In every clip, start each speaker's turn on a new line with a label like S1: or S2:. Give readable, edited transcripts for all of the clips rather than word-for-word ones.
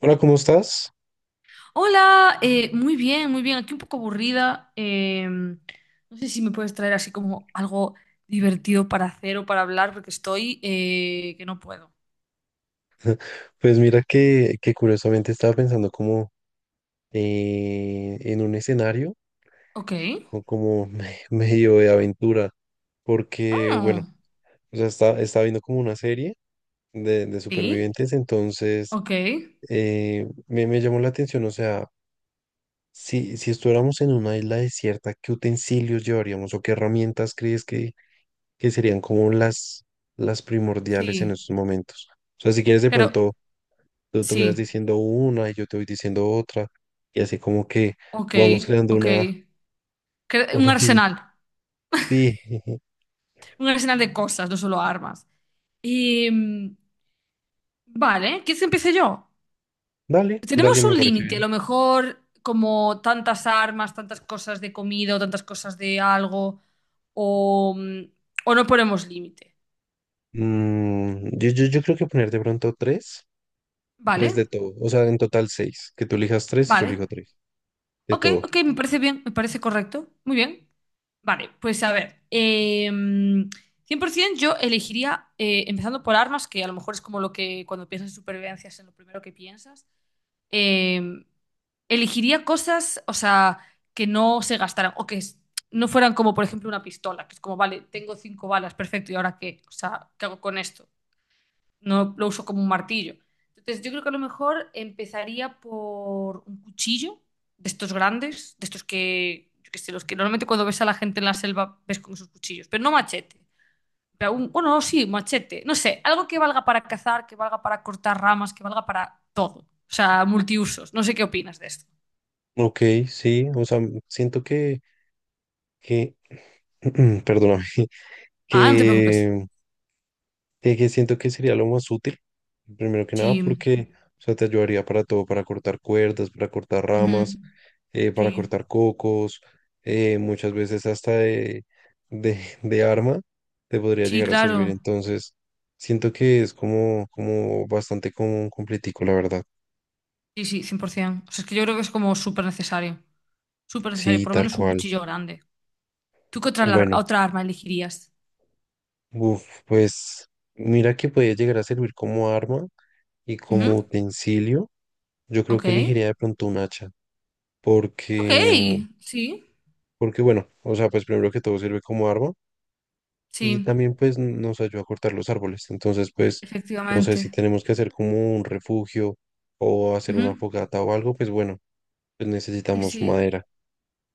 S1: Hola, ¿cómo estás?
S2: Hola, muy bien, muy bien. Aquí un poco aburrida. No sé si me puedes traer así como algo divertido para hacer o para hablar, porque estoy que no puedo.
S1: Pues mira que curiosamente estaba pensando como en un escenario
S2: Ok.
S1: medio de aventura, porque bueno,
S2: Ah,
S1: o sea, estaba viendo como una serie de
S2: sí.
S1: supervivientes. Entonces
S2: Ok.
S1: me llamó la atención. O sea, si estuviéramos en una isla desierta, ¿qué utensilios llevaríamos o qué herramientas crees que serían como las primordiales en
S2: Sí.
S1: estos momentos? O sea, si quieres de
S2: Pero
S1: pronto, tú me vas
S2: sí.
S1: diciendo una y yo te voy diciendo otra. Y así como que
S2: Ok.
S1: vamos creando
S2: Ok.
S1: una,
S2: Un
S1: una mini.
S2: arsenal.
S1: Sí,
S2: Un arsenal de cosas, no solo armas. Em, vale, ¿quieres que empiece yo?
S1: dale,
S2: Tenemos
S1: dale, me
S2: un
S1: parece
S2: límite, a
S1: bien.
S2: lo mejor como tantas armas, tantas cosas de comida o tantas cosas de algo, o, mm, o no ponemos límite.
S1: Mm, yo creo que poner de pronto tres,
S2: ¿Vale?
S1: de todo. O sea, en total seis. Que tú elijas tres y yo
S2: Vale.
S1: elijo tres. De
S2: Ok,
S1: todo.
S2: ok, me parece bien, me parece correcto. Muy bien. Vale, pues a ver, cien por 100% yo elegiría, empezando por armas, que a lo mejor es como lo que cuando piensas en supervivencia es en lo primero que piensas. Eh, Elegiría cosas, o sea, que no se gastaran o no fueran como, por ejemplo, una pistola, que es como, vale, tengo cinco balas, perfecto, ¿y ahora qué? O sea, ¿qué hago con esto? No lo uso como un martillo. Entonces, yo creo que a lo mejor empezaría por un cuchillo de estos grandes, de estos que, yo qué sé, los que normalmente cuando ves a la gente en la selva ves con esos cuchillos, pero no machete. Pero bueno, sí, machete, no sé, algo que valga para cazar, que valga para cortar ramas, que valga para todo. O sea, multiusos. No sé qué opinas de esto.
S1: Ok, sí. O sea, siento que perdóname,
S2: Ah, no te preocupes.
S1: que, que siento que sería lo más útil. Primero que nada,
S2: Sí,
S1: porque, o sea, te ayudaría para todo, para cortar cuerdas, para cortar
S2: ujú,
S1: ramas, para
S2: sí,
S1: cortar cocos, muchas veces hasta de arma te podría
S2: sí,
S1: llegar a servir.
S2: claro.
S1: Entonces, siento que es como bastante común completico, la verdad.
S2: Sí, sí, 100%. O sea, es que yo creo que es como súper necesario. Súper necesario,
S1: Sí,
S2: por lo
S1: tal
S2: menos un
S1: cual.
S2: cuchillo grande. ¿Tú qué otra,
S1: Bueno,
S2: otra arma elegirías?
S1: uf, pues mira que puede llegar a servir como arma y
S2: Ujú,
S1: como utensilio. Yo creo
S2: ok.
S1: que elegiría de pronto un hacha,
S2: Ok,
S1: porque,
S2: sí,
S1: porque bueno, o sea, pues primero que todo sirve como arma y
S2: sí,
S1: también pues nos ayuda a cortar los árboles. Entonces pues no sé si
S2: efectivamente.
S1: tenemos que hacer como un refugio o hacer una
S2: Ujú,
S1: fogata o algo, pues bueno, pues
S2: sí,
S1: necesitamos
S2: sí.
S1: madera.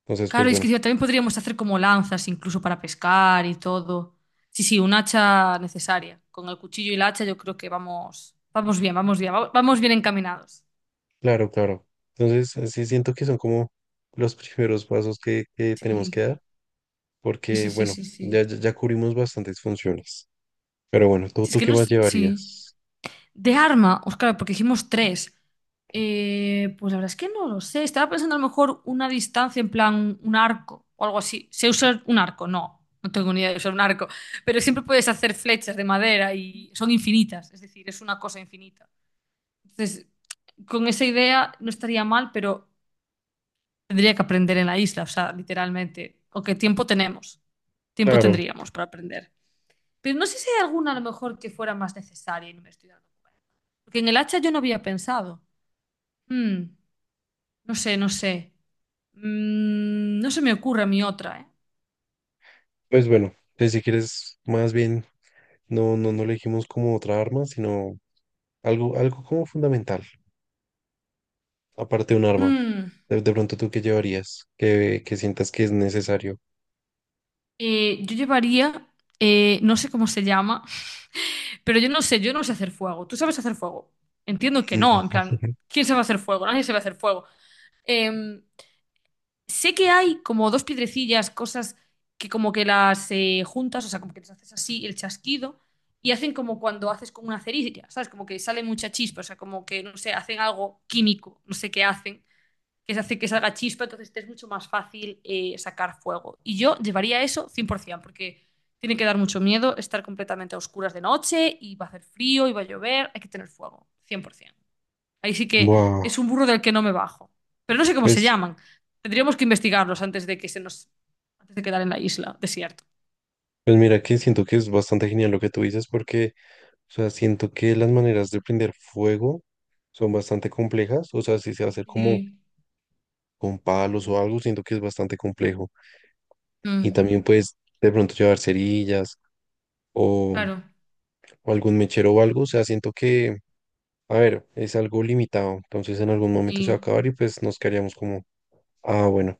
S1: Entonces pues
S2: Claro, y es que
S1: bueno,
S2: encima también podríamos hacer como lanzas incluso para pescar y todo. Sí, sí, un hacha necesaria. Con el cuchillo y la hacha yo creo que vamos bien, vamos bien, vamos bien encaminados.
S1: claro, claro. Entonces sí siento que son como los primeros pasos que tenemos que
S2: Sí.
S1: dar
S2: Sí,
S1: porque
S2: sí, sí,
S1: bueno,
S2: sí, sí.
S1: ya cubrimos bastantes funciones. Pero bueno, ¿tú,
S2: Si es
S1: tú
S2: que
S1: qué
S2: no
S1: más
S2: sé- sí.
S1: llevarías?
S2: De arma, pues claro, porque hicimos tres. Pues la verdad es que no lo sé. Estaba pensando a lo mejor una distancia en plan un arco o algo así. ¿Sé usar un arco? No, no tengo ni idea de usar un arco. Pero siempre puedes hacer flechas de madera y son infinitas. Es decir, es una cosa infinita. Entonces, con esa idea no estaría mal, pero tendría que aprender en la isla, o sea, literalmente. ¿O qué tiempo tenemos? Tiempo
S1: Claro,
S2: tendríamos para aprender. Pero no sé si hay alguna a lo mejor que fuera más necesaria y no me estoy dando cuenta. Porque en el hacha yo no había pensado. Mm, no sé, no sé. No se me ocurre a mí otra, ¿eh?
S1: pues bueno, pues si quieres, más bien, no elegimos como otra arma, sino algo como fundamental. Aparte de un arma,
S2: Mm,
S1: de pronto tú qué llevarías, que sientas que es necesario.
S2: yo llevaría, no sé cómo se llama, pero yo no sé hacer fuego. ¿Tú sabes hacer fuego? Entiendo que no,
S1: No.
S2: en plan, ¿quién sabe hacer fuego? Nadie sabe hacer fuego. Em, Sé que hay como dos piedrecillas, cosas que como que las juntas, o sea, como que les haces así el chasquido y hacen como cuando haces con una cerilla, ¿sabes? Como que sale mucha chispa, o sea, como que, no sé, hacen algo químico, no sé qué hacen, que se hace que salga chispa, entonces te es mucho más fácil sacar fuego. Y yo llevaría eso 100%, porque tiene que dar mucho miedo estar completamente a oscuras de noche y va a hacer frío y va a llover, hay que tener fuego, 100%. Ahí sí que
S1: Buah,
S2: es un burro del que no me bajo. Pero no sé cómo se
S1: Pues,
S2: llaman. Tendríamos que investigarlos antes de que se nos... antes de quedar en la isla, desierto.
S1: pues mira que siento que es bastante genial lo que tú dices porque, o sea, siento que las maneras de prender fuego son bastante complejas. O sea, si se va a hacer como
S2: Sí.
S1: con palos o algo, siento que es bastante complejo. Y
S2: Mm,
S1: también puedes de pronto llevar cerillas o,
S2: claro.
S1: o algún mechero o algo. O sea, siento que, a ver, es algo limitado. Entonces en algún momento se va a
S2: Sí.
S1: acabar y pues nos quedaríamos como, ah, bueno.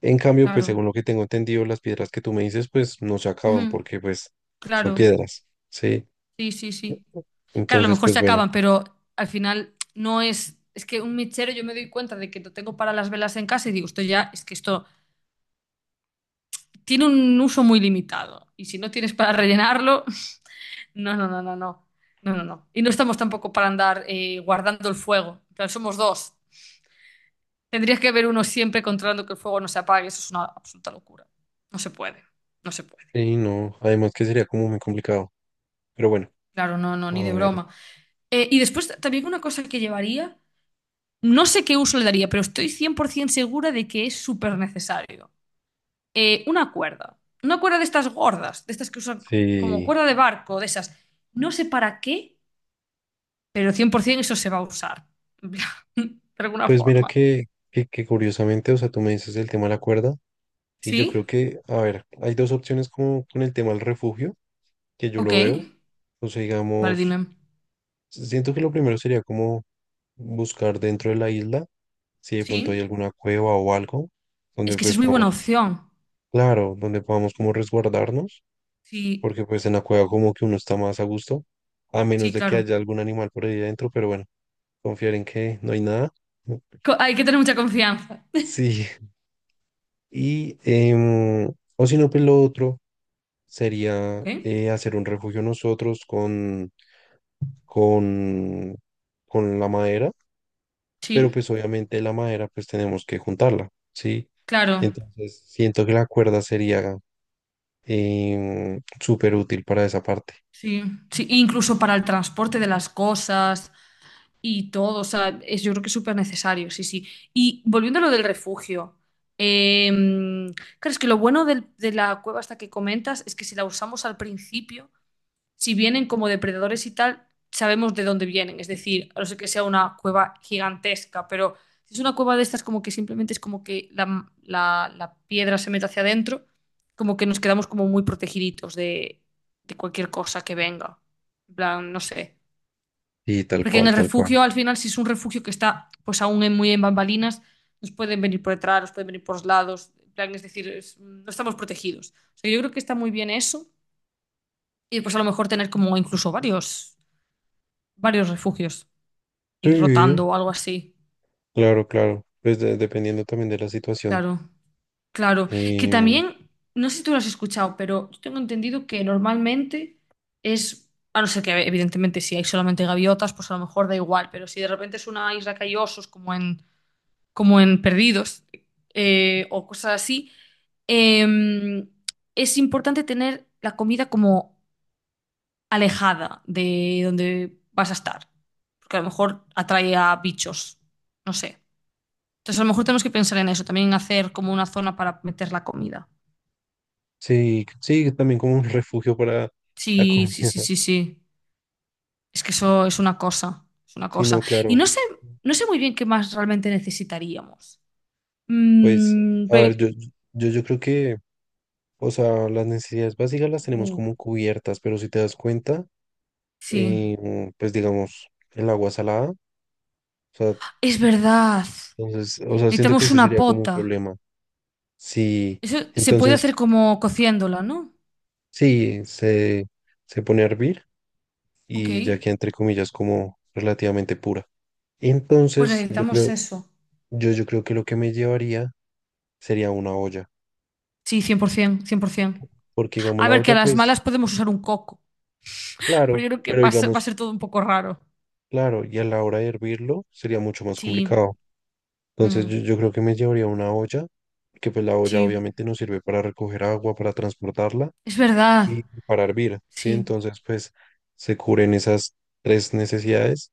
S1: En cambio, pues
S2: Claro.
S1: según lo que tengo entendido, las piedras que tú me dices, pues no se acaban
S2: Ujú,
S1: porque pues son
S2: claro.
S1: piedras, ¿sí?
S2: Sí, sí, sí. Claro, a lo
S1: Entonces,
S2: mejor
S1: pues
S2: se
S1: bueno,
S2: acaban, pero al final no es... Es que un mechero yo me doy cuenta de que lo tengo para las velas en casa y digo, esto ya, es que esto tiene un uso muy limitado. Y si no tienes para rellenarlo, no, no, no, no, no. No, no, no. Y no estamos tampoco para andar guardando el fuego. En plan, somos dos. Tendrías que haber uno siempre controlando que el fuego no se apague. Eso es una absoluta locura. No se puede. No se puede.
S1: y no, además que sería como muy complicado. Pero bueno,
S2: Claro, no, no, ni
S1: a
S2: de
S1: ver,
S2: broma. Y después también una cosa que llevaría, no sé qué uso le daría, pero estoy 100% segura de que es súper necesario. Una cuerda. Una cuerda de estas gordas, de estas que usan como
S1: sí,
S2: cuerda de barco, de esas. No sé para qué, pero 100% eso se va a usar. De alguna
S1: pues mira
S2: forma.
S1: que curiosamente, o sea, tú me dices el tema de la cuerda y yo
S2: Sí,
S1: creo que, a ver, hay dos opciones como con el tema del refugio, que yo
S2: ok.
S1: lo veo, o sea,
S2: Vale,
S1: digamos,
S2: dime.
S1: siento que lo primero sería como buscar dentro de la isla, si de pronto hay
S2: Sí.
S1: alguna cueva o algo,
S2: Es
S1: donde
S2: que esa es
S1: pues
S2: muy buena
S1: vamos.
S2: opción.
S1: Claro, donde podamos como resguardarnos,
S2: Sí,
S1: porque pues en la cueva como que uno está más a gusto, a menos
S2: sí,
S1: de que
S2: claro.
S1: haya algún animal por ahí adentro, pero bueno, confiar en que no hay nada.
S2: Hay que tener mucha confianza.
S1: Sí, y o si no, pues lo otro sería
S2: Ok.
S1: hacer un refugio nosotros con, con la madera, pero
S2: Sí,
S1: pues obviamente la madera pues tenemos que juntarla, ¿sí?
S2: claro.
S1: Entonces siento que la cuerda sería súper útil para esa parte.
S2: Sí, sí, incluso para el transporte de las cosas y todo. O sea, es, yo creo que es súper necesario, sí, sí. Y volviendo a lo del refugio. eh, claro, es que lo bueno de la cueva esta que comentas es que si la usamos al principio. Si vienen como depredadores y tal, sabemos de dónde vienen. Es decir, a no ser que sea una cueva gigantesca, pero si es una cueva de estas, como que simplemente es como que la piedra se mete hacia adentro, como que nos quedamos como muy protegiditos de cualquier cosa que venga. En plan, no sé.
S1: Y tal
S2: Porque en
S1: cual,
S2: el
S1: tal cual.
S2: refugio, al final, si es un refugio que está pues aún muy en bambalinas, nos pueden venir por detrás, nos pueden venir por los lados. En plan, es decir, no estamos protegidos. O sea, yo creo que está muy bien eso. Y después a lo mejor tener como incluso varios varios refugios y
S1: Sí,
S2: rotando o algo así.
S1: claro, claro. Pues dependiendo también de la situación.
S2: Claro, claro. Que
S1: Em,
S2: también, no sé si tú lo has escuchado, pero yo tengo entendido que normalmente es, a no ser que evidentemente si hay solamente gaviotas, pues a lo mejor da igual, pero si de repente es una isla que hay osos como en Perdidos o cosas así, eh, es importante tener la comida como alejada de donde vas a estar, porque a lo mejor atrae a bichos, no sé. Entonces, a lo mejor tenemos que pensar en eso, también hacer como una zona para meter la comida.
S1: sí, sí, también como un refugio para la
S2: Sí,
S1: comida.
S2: sí, sí, sí, sí. Es que eso es una cosa, es una
S1: Sí,
S2: cosa.
S1: no,
S2: Y
S1: claro.
S2: no sé, no sé muy bien qué más realmente necesitaríamos.
S1: Pues,
S2: Mm,
S1: a ver,
S2: ve-
S1: yo creo que, o sea, las necesidades básicas las tenemos
S2: uh,
S1: como cubiertas. Pero si te das cuenta,
S2: sí,
S1: pues digamos, el agua salada, o sea,
S2: es verdad.
S1: entonces, o sea, siento que
S2: Necesitamos
S1: ese
S2: una
S1: sería como un
S2: pota.
S1: problema. Sí,
S2: Eso se puede hacer
S1: entonces,
S2: como cociéndola, ¿no?
S1: sí, se pone a hervir
S2: Ok,
S1: y ya que entre comillas como relativamente pura.
S2: pues
S1: Entonces, yo
S2: necesitamos
S1: creo,
S2: eso.
S1: yo, yo creo que lo que me llevaría sería una olla,
S2: Sí, por ciento, cien por 100%.
S1: porque digamos
S2: A
S1: la
S2: ver, que a
S1: olla,
S2: las malas
S1: pues,
S2: podemos usar un coco, pero
S1: claro,
S2: yo creo que
S1: pero
S2: va a ser, va a
S1: digamos,
S2: ser todo un poco raro.
S1: claro, y a la hora de hervirlo sería mucho más
S2: Sí.
S1: complicado. Entonces,
S2: Ujú.
S1: yo creo que me llevaría una olla, porque pues la olla
S2: Sí,
S1: obviamente nos sirve para recoger agua, para transportarla
S2: es
S1: y
S2: verdad.
S1: para hervir, ¿sí?
S2: Sí.
S1: Entonces, pues, se cubren esas tres necesidades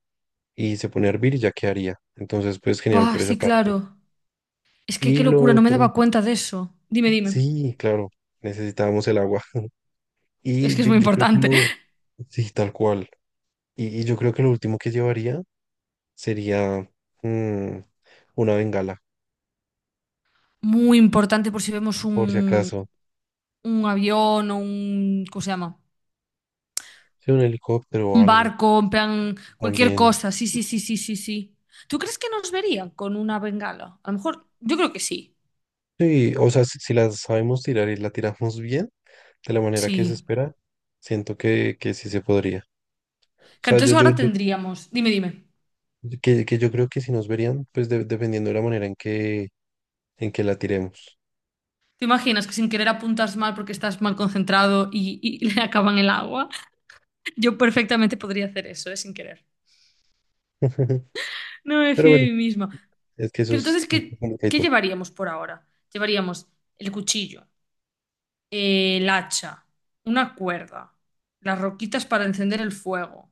S1: y se pone a hervir y ya quedaría. Entonces, pues, genial
S2: Buah,
S1: por esa
S2: sí,
S1: parte.
S2: claro. Es que qué
S1: Y lo
S2: locura, no me
S1: otro,
S2: daba cuenta de eso. Dime, dime.
S1: sí, claro, necesitábamos el agua.
S2: Es
S1: Y
S2: que es
S1: yo,
S2: muy
S1: yo creo
S2: importante.
S1: sí, tal cual. Y yo creo que lo último que llevaría sería mm, una bengala,
S2: Muy importante por si vemos
S1: por si acaso.
S2: un avión o un, ¿cómo se llama?
S1: Sí, un helicóptero o
S2: Un
S1: algo
S2: barco, en plan, cualquier
S1: también.
S2: cosa. Sí, sí, sí, sí, sí, sí. ¿Tú crees que nos verían con una bengala? A lo mejor, yo creo que sí.
S1: Sí, o sea, si la sabemos tirar y la tiramos bien, de la manera que se
S2: Sí.
S1: espera, siento que sí se podría. O
S2: Que
S1: sea,
S2: entonces ahora tendríamos. Dime, dime.
S1: que yo creo que si nos verían, pues dependiendo de la manera en que la tiremos.
S2: ¿Te imaginas que sin querer apuntas mal porque estás mal concentrado y le acaban el agua? Yo perfectamente podría hacer eso, sin querer. No me
S1: Pero
S2: fío de
S1: bueno,
S2: mí misma.
S1: es que eso
S2: Pero
S1: es
S2: entonces, ¿qué
S1: complicadito.
S2: llevaríamos por ahora? Llevaríamos el cuchillo, el hacha, una cuerda, las roquitas para encender el fuego,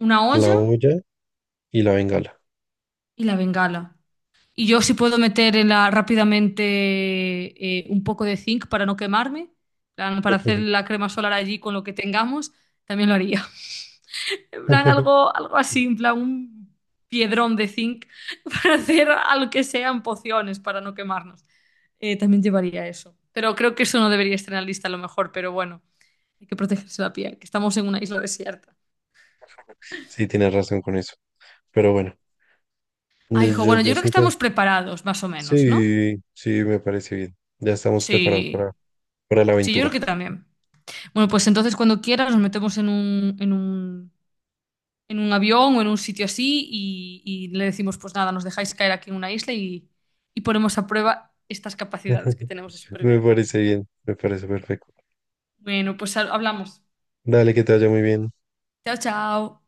S2: una
S1: La
S2: olla
S1: olla y la bengala.
S2: y la bengala. Y yo si puedo meter en la, rápidamente un poco de zinc para no quemarme, plan, para hacer la crema solar allí con lo que tengamos, también lo haría. En plan, algo así, en plan, un piedrón de zinc para hacer algo que sean pociones para no quemarnos. También llevaría eso. Pero creo que eso no debería estar en la lista a lo mejor, pero bueno, hay que protegerse la piel, que estamos en una isla desierta.
S1: Sí, tienes razón con eso. Pero bueno, yo,
S2: Ay, hijo,
S1: yo,
S2: bueno, yo
S1: yo
S2: creo que
S1: siento,
S2: estamos preparados, más o menos, ¿no?
S1: sí, sí, me parece bien. Ya estamos preparados
S2: Sí,
S1: para la
S2: sí, yo creo
S1: aventura.
S2: que también. Bueno, pues entonces cuando quieras nos metemos en un avión o en un sitio así y le decimos, pues nada, nos dejáis caer aquí en una isla y ponemos a prueba estas capacidades que tenemos de
S1: Me
S2: supervivencia.
S1: parece bien, me parece perfecto.
S2: Bueno, pues hablamos.
S1: Dale, que te vaya muy bien.
S2: Chao, chao.